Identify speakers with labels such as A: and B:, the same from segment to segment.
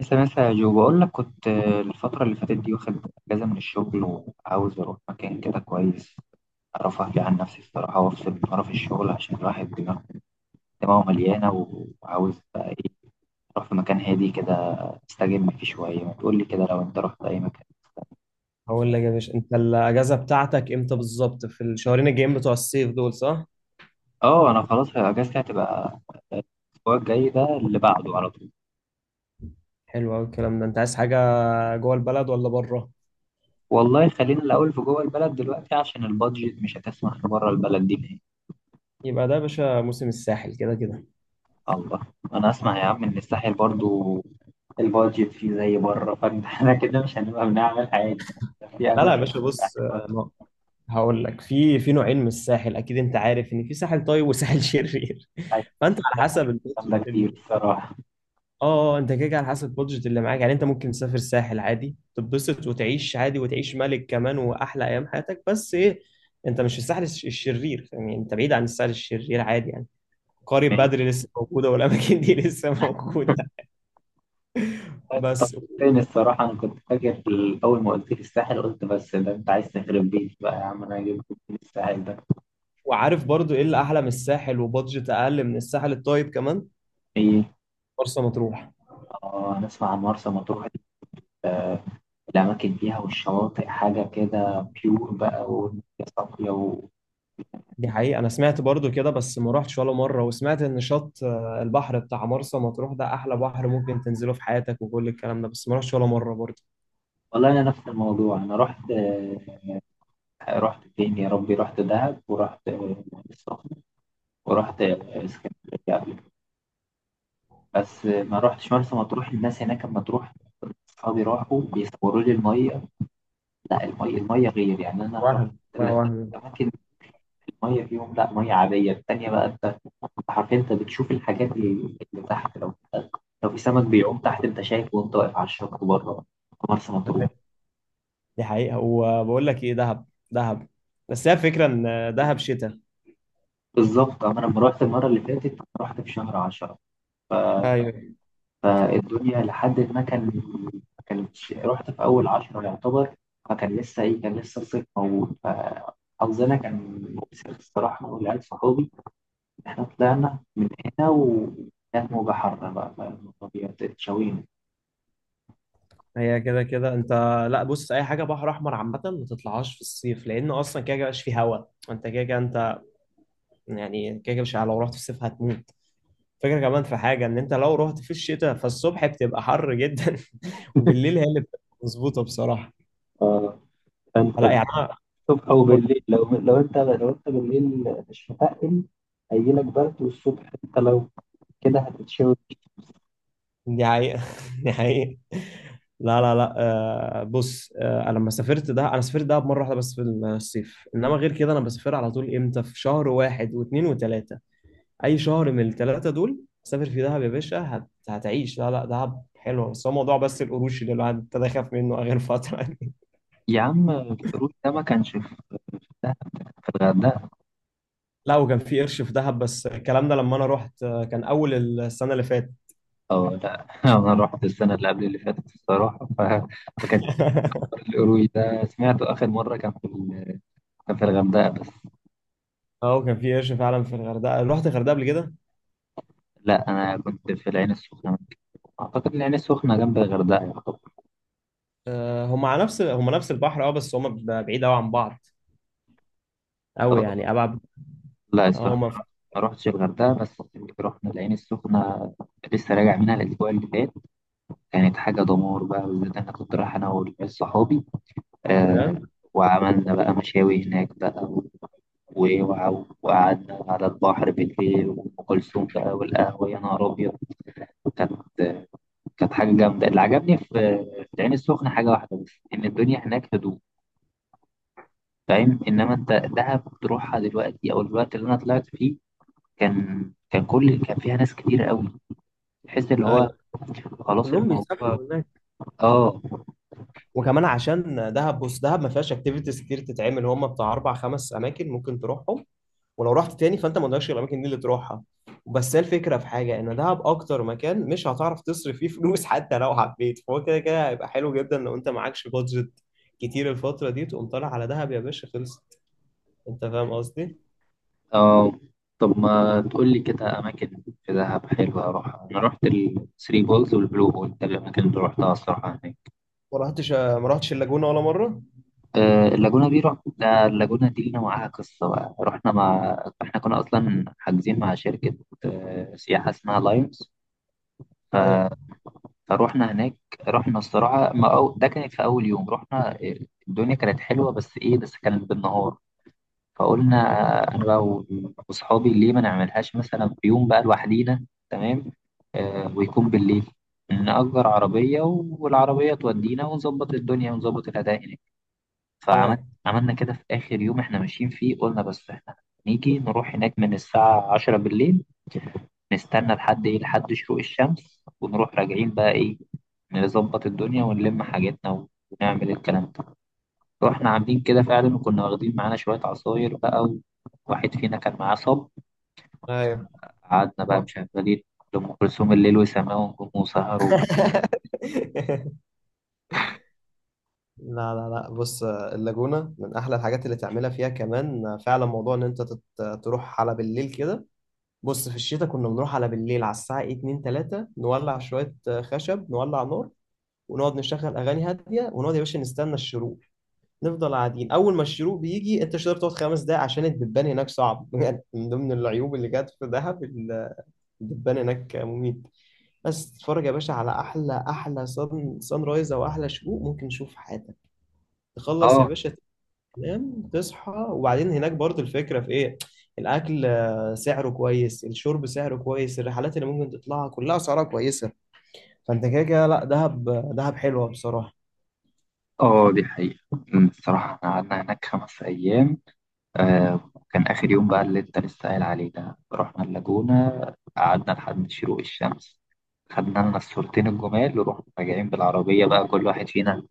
A: لسه لسه يا جو، بقول لك كنت الفترة اللي فاتت دي واخد أجازة من الشغل، وعاوز أروح مكان كده كويس أعرف أهدي عن نفسي الصراحة، وأفصل من قرف الشغل، عشان الواحد دماغه مليانة، وعاوز بقى إيه أروح في مكان هادي كده أستجم فيه شوية. ما تقول لي كده لو أنت رحت أي مكان؟
B: هقول لك يا باشا، انت الاجازه بتاعتك امتى بالظبط؟ في الشهرين الجايين بتوع الصيف دول، صح؟
A: أه، أنا خلاص أجازتي هتبقى الأسبوع الجاي ده اللي بعده على طول.
B: حلو قوي الكلام ده. انت عايز حاجه جوه البلد ولا بره؟
A: والله خلينا الأول في جوه البلد دلوقتي عشان البادجت مش هتسمح بره البلد دي.
B: يبقى ده يا باشا موسم الساحل كده كده.
A: الله. انا اسمع يا عم ان الساحل برضو البادجت فيه زي بره، فاحنا كده مش هنبقى بنعمل حاجه في
B: لا لا يا
A: اماكن
B: باشا، بص
A: حلوه.
B: هقول لك، في نوعين من الساحل، اكيد انت عارف ان في ساحل طيب وساحل شرير،
A: حاجات
B: فانت على حسب البادجت.
A: جامده كتير الصراحه.
B: اه انت كده كده على حسب البادجت اللي معاك، يعني انت ممكن تسافر الساحل عادي، تتبسط وتعيش عادي، وتعيش ملك كمان واحلى ايام حياتك، بس ايه؟ انت مش في الساحل الشرير، يعني انت بعيد عن الساحل الشرير عادي يعني. قرية بدر
A: ماشي.
B: لسه موجودة، والأماكن دي لسه موجودة.
A: انت
B: بس
A: طبقتني الصراحه، انا كنت فاكر اول ما قلت لي الساحل، قلت بس ده انت عايز تخرب بيتي بقى يا عم، انا هجيب لك من الساحل ده
B: وعارف برضو إيه اللي أحلى من الساحل وبادجت أقل من الساحل الطيب كمان؟
A: ايه؟
B: مرسى مطروح.
A: اه نسمع عن مرسى مطروح. آه، الاماكن فيها والشواطئ حاجه كده بيور بقى، والدنيا صافيه
B: دي حقيقة، أنا سمعت برضو كده بس ما رحتش ولا مرة، وسمعت إن شط البحر بتاع مرسى مطروح ده أحلى بحر ممكن تنزله في حياتك، وكل الكلام ده، بس ما رحتش ولا مرة برضو.
A: والله انا نفس الموضوع. انا رحت رحت فين يا ربي، رحت دهب ورحت العين السخنة ورحت اسكندرية قبل كده. بس ما رحتش مرسى مطروح. الناس هناك لما تروح أصحابي راحوا بيصوروا لي المية، لا المية المية غير يعني. أنا رحت
B: وهم لا
A: ثلاثة
B: وهم.
A: أماكن المية فيهم لا مية عادية، التانية بقى أنت أنت حرفيا أنت بتشوف الحاجات اللي تحت، لو في سمك بيعوم تحت أنت شايفه وأنت واقف على الشط بره في مرسى مطروح.
B: دي حقيقة. وبقول لك ايه؟ دهب. دهب، بس هي فكرة ان دهب شتاء.
A: بالظبط. أما أنا لما رحت المرة اللي فاتت رحت في شهر 10،
B: ايوه.
A: فالدنيا لحد ما ما كانتش، رحت في أول عشرة يعتبر، فكان لسه إيه كان لسه الصيف موجود، فحظنا كان مؤسف الصراحة، أنا والعيال صحابي. إحنا طلعنا من هنا وكانت موجة حارة بقى، فالطبيعة اتشوينا.
B: هي كده كده انت. لا بص، اي حاجة بحر احمر عامة ما تطلعهاش في الصيف، لان اصلا كده كده مبقاش فيه هوا. انت كده كده انت. يعني كده كده مش لو رحت في الصيف هتموت. فكرة كمان في حاجة، ان انت لو رحت في الشتاء فالصبح بتبقى حر جدا، وبالليل هي اللي بتبقى مظبوطة بصراحة.
A: اه فانت
B: لا يعني.
A: الصبح او بالليل، لو لو انت بالليل مش متقل هيجيلك برد، والصبح انت لو كده هتتشوي.
B: دي حقيقة. دي حقيقة. لا لا لا. آه بص، أنا لما سافرت ده، أنا سافرت ده مرة واحدة بس في الصيف، إنما غير كده أنا بسافر على طول إمتى؟ في شهر واحد واثنين وثلاثة، أي شهر من الثلاثة دول. سافر في دهب يا باشا، هتعيش. لا لا، دهب حلوة، بس هو موضوع بس القروش اللي الواحد ابتدى يخاف منه آخر فترة يعني.
A: يا عم الروت ده ما كانش في دهب، ده كان في الغردقة.
B: لا وكان في قرش في دهب، بس الكلام ده لما أنا رحت كان أول السنة اللي فاتت.
A: أو لا أنا رحت السنة اللي قبل اللي فاتت الصراحة، فكان القروي ده سمعته آخر مرة كان في كان في الغردقة بس.
B: أه، وكان في قرش فعلا في الغردقة. رحت الغردقة قبل كده؟
A: لا أنا كنت في العين السخنة، أعتقد العين السخنة جنب الغردقة يعتبر.
B: آه، هم على نفس، هم نفس البحر، اه بس هم بعيد قوي عن بعض، قوي
A: أه،
B: يعني، ابعد.
A: لا
B: اه هم في
A: الصراحة ما رحتش الغردقة، بس رحنا العين السخنة لسه راجع منها الأسبوع اللي فات. كانت حاجة دمار بقى، بالذات أنا كنت رايح أنا والعيال صحابي، آه
B: السودان.
A: وعملنا بقى مشاوي هناك بقى، وقعدنا على البحر بالليل وأم كلثوم بقى والقهوة، يا نهار أبيض. كانت كانت حاجة جامدة. اللي عجبني في العين السخنة حاجة واحدة بس، إن الدنيا هناك هدوء. فاهم. إنما أنت دهب تروحها دلوقتي أو الوقت اللي أنا طلعت فيه كان فيها ناس كتير قوي، تحس اللي
B: ايوه،
A: هو خلاص
B: كلهم
A: الموضوع.
B: بيسافروا هناك.
A: آه.
B: وكمان عشان دهب، بص دهب ما فيهاش اكتيفيتيز كتير تتعمل، هم بتاع اربع خمس اماكن ممكن تروحهم، ولو رحت تاني فانت ما قدامكش غير الاماكن دي اللي تروحها. بس هي الفكره في حاجه، ان دهب اكتر مكان مش هتعرف تصرف فيه فلوس، حتى لو حبيت، فهو كده كده هيبقى حلو جدا لو انت معكش بادجت كتير. الفتره دي تقوم طالع على دهب يا باشا، خلصت. انت فاهم قصدي؟
A: آه. طب ما تقول لي كده أماكن في دهب حلوة أروحها؟ أنا رحت الثري بولز والبلو هول، ده الأماكن اللي روحتها الصراحة هناك.
B: ما رحتش اللاجونه ولا مره؟
A: اللاجونة دي رحنا. اللاجونة دي لنا معاها قصة بقى، رحنا مع، احنا كنا أصلا حاجزين مع شركة سياحة اسمها لايونز،
B: ايوه.
A: فروحنا هناك. رحنا الصراحة ما أو... ده كانت في أول يوم، رحنا الدنيا كانت حلوة، بس إيه بس كانت بالنهار. فقلنا أنا بقى وأصحابي ليه ما نعملهاش مثلا في يوم بقى لوحدينا، تمام ويكون بالليل. نأجر عربية والعربية تودينا، ونظبط الدنيا ونظبط الأداء هناك. فعملنا
B: ايوه.
A: عملنا كده في آخر يوم إحنا ماشيين فيه، قلنا بس إحنا نيجي نروح هناك من الساعة 10 بالليل، نستنى لحد إيه لحد شروق الشمس ونروح راجعين بقى إيه نظبط الدنيا ونلم حاجتنا ونعمل الكلام ده. رحنا عاملين كده فعلا وكنا واخدين معانا شوية عصاير بقى، وواحد فينا كان معاه صب.
B: ايوه.
A: قعدنا بقى
B: لا.
A: مشغلين لأم كلثوم، الليل وسماه ونجوم وسهر
B: لا لا لا. بص، اللاجونة من أحلى الحاجات اللي تعملها فيها، كمان فعلا موضوع إن أنت تروح على بالليل كده. بص، في الشتاء كنا بنروح على بالليل على الساعة 2 3، نولع شوية خشب، نولع نار، ونقعد نشغل أغاني هادية، ونقعد يا باشا نستنى الشروق. نفضل قاعدين، أول ما الشروق بيجي أنت مش هتقدر تقعد خمس دقايق عشان الدبان هناك صعب، يعني من ضمن العيوب اللي جت في دهب الدبان هناك مميت. بس تتفرج يا باشا على احلى احلى صن رايز، او احلى شروق ممكن تشوف في حياتك، تخلص يا
A: آه.
B: باشا، تنام، تصحى، وبعدين هناك برضه الفكره في ايه؟ الاكل سعره كويس، الشرب سعره كويس، الرحلات اللي ممكن تطلعها كلها اسعارها كويسه، فانت كده كده، لا دهب، دهب حلوه بصراحه.
A: آه دي حقيقة. الصراحة إحنا قعدنا هناك 5 أيام. آه كان آخر يوم بقى اللي أنت لسه قايل عليه ده رحنا اللاجونة، قعدنا لحد شروق الشمس، خدنا لنا الصورتين الجمال، ورحنا راجعين بالعربية بقى. كل واحد فينا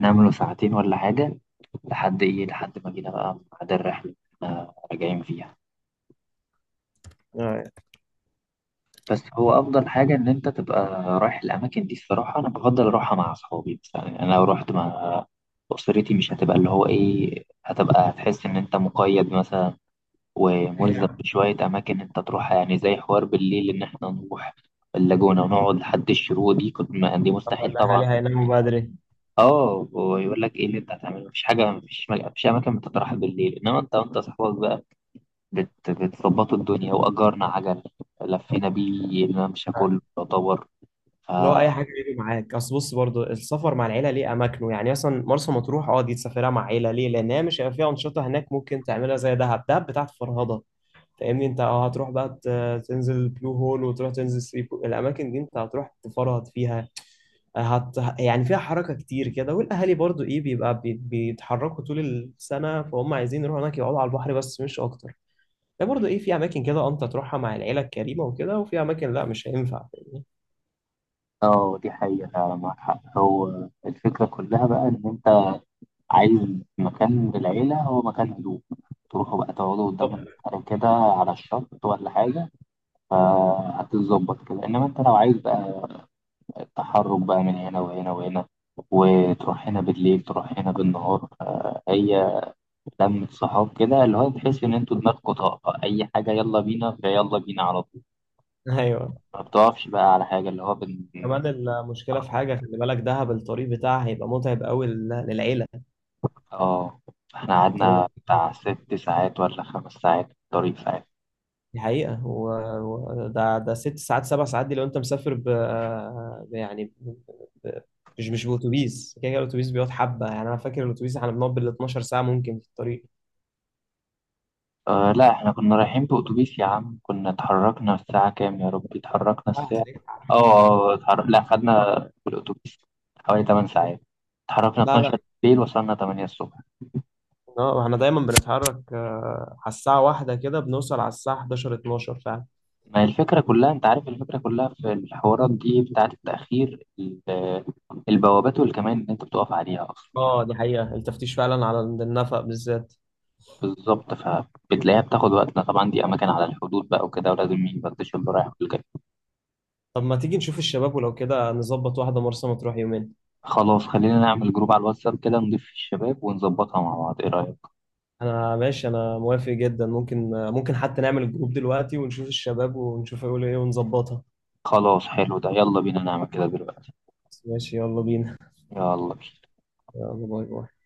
A: نام له ساعتين ولا حاجة لحد إيه لحد ما جينا بقى ميعاد الرحلة آه راجعين فيها.
B: آه،
A: بس هو أفضل حاجة إن أنت تبقى رايح الأماكن دي. الصراحة أنا بفضل أروحها مع أصحابي مثلا، يعني أنا لو رحت مع أسرتي مش هتبقى اللي هو إيه هتبقى، هتحس إن أنت مقيد مثلا
B: هي
A: وملزم بشوية أماكن أنت تروحها، يعني زي حوار بالليل إن إحنا نروح اللاجونة ونقعد لحد الشروق، دي كنت ما دي
B: طب
A: مستحيل طبعا.
B: الاهالي هيناموا بدري؟
A: اه، ويقول لك ايه اللي انت هتعمله؟ مفيش حاجه، مفيش مفيش اماكن بتتراح بالليل. انما انت وانت صاحبك بقى بتظبطوا الدنيا، واجرنا عجل لفينا بيه الممشى كله
B: آه.
A: يعتبر ف-
B: اللي هو اي حاجه يجي معاك، اصل بص برضو السفر مع العيله ليه اماكنه، يعني مثلا مرسى مطروح، اه دي تسافرها مع عيله ليه، لان هي مش هيبقى فيها انشطه هناك ممكن تعملها زي دهب، دهب بتاعت فرهضه، فاهمني انت؟ اه هتروح بقى تنزل البلو هول، وتروح تنزل الاماكن دي انت هتروح تفرهد فيها. يعني فيها حركه كتير كده، والاهالي برضو ايه، بيبقى بيتحركوا طول السنه، فهم عايزين يروحوا هناك يقعدوا على البحر بس، مش اكتر. ده برضو ايه، في اماكن كده اه انت تروحها مع العيله الكريمه وكده، وفي اماكن لا مش هينفع، فاهمني؟
A: اه دي حقيقه فعلا معاك حق. هو الفكره كلها بقى ان انت عايز مكان للعيلة، هو مكان هدوء تروحوا بقى تقعدوا
B: طب.
A: قدام البحر كده على الشط ولا حاجة، فهتتظبط كده. إنما أنت لو عايز بقى التحرك بقى من هنا وهنا وهنا، وتروح هنا بالليل تروح هنا بالنهار، هي لمة صحاب كده اللي هو تحس إن أنتوا دماغكوا طاقة أي حاجة يلا بينا، فيلا بينا على طول
B: ايوه.
A: ما بتقفش بقى على حاجة اللي هو
B: كمان المشكله في حاجه، خلي بالك دهب الطريق بتاعها هيبقى متعب قوي للعيله.
A: آه إحنا
B: الطريق،
A: قعدنا بتاع 6 ساعات ولا 5 ساعات في الطريق ساعات.
B: دي حقيقة. و... ده ده ست ساعات سبع ساعات دي، لو أنت مسافر ب- يعني ب... ب... مش بأتوبيس، كده كده الأتوبيس بيقعد حبة، يعني أنا فاكر الأتوبيس إحنا بنقعد بال 12 ساعة ممكن في الطريق.
A: آه لا احنا كنا رايحين بأتوبيس يا عم، كنا اتحركنا الساعة كام يا ربي، اتحركنا الساعة اه
B: آه،
A: لا خدنا بالأتوبيس حوالي 8 ساعات، اتحركنا
B: لا لا.
A: 12 بالليل وصلنا 8 الصبح.
B: اه احنا دايما بنتحرك على الساعة واحدة كده، بنوصل على الساعة 11 12 فعلا.
A: ما هي الفكرة كلها، انت عارف الفكرة كلها في الحوارات دي بتاعة التأخير البوابات والكمان اللي انت بتقف عليها اصلا.
B: اه دي حقيقة، التفتيش فعلا على النفق بالذات.
A: بالظبط، فبتلاقيها بتاخد وقتنا طبعا، دي اماكن على الحدود بقى وكده، ولازم مين يفتش اللي رايح والجاي.
B: طب ما تيجي نشوف الشباب، ولو كده نظبط واحدة مرسى مطروح يومين.
A: خلاص خلينا نعمل جروب على الواتساب كده نضيف فيه الشباب ونظبطها مع بعض، ايه رأيك؟
B: انا ماشي، انا موافق جدا، ممكن حتى نعمل الجروب دلوقتي ونشوف الشباب ونشوف هيقولوا ايه، ونظبطها.
A: خلاص حلو ده، يلا بينا نعمل كده دلوقتي.
B: ماشي، يلا بينا.
A: يلا بينا.
B: يلا، باي باي.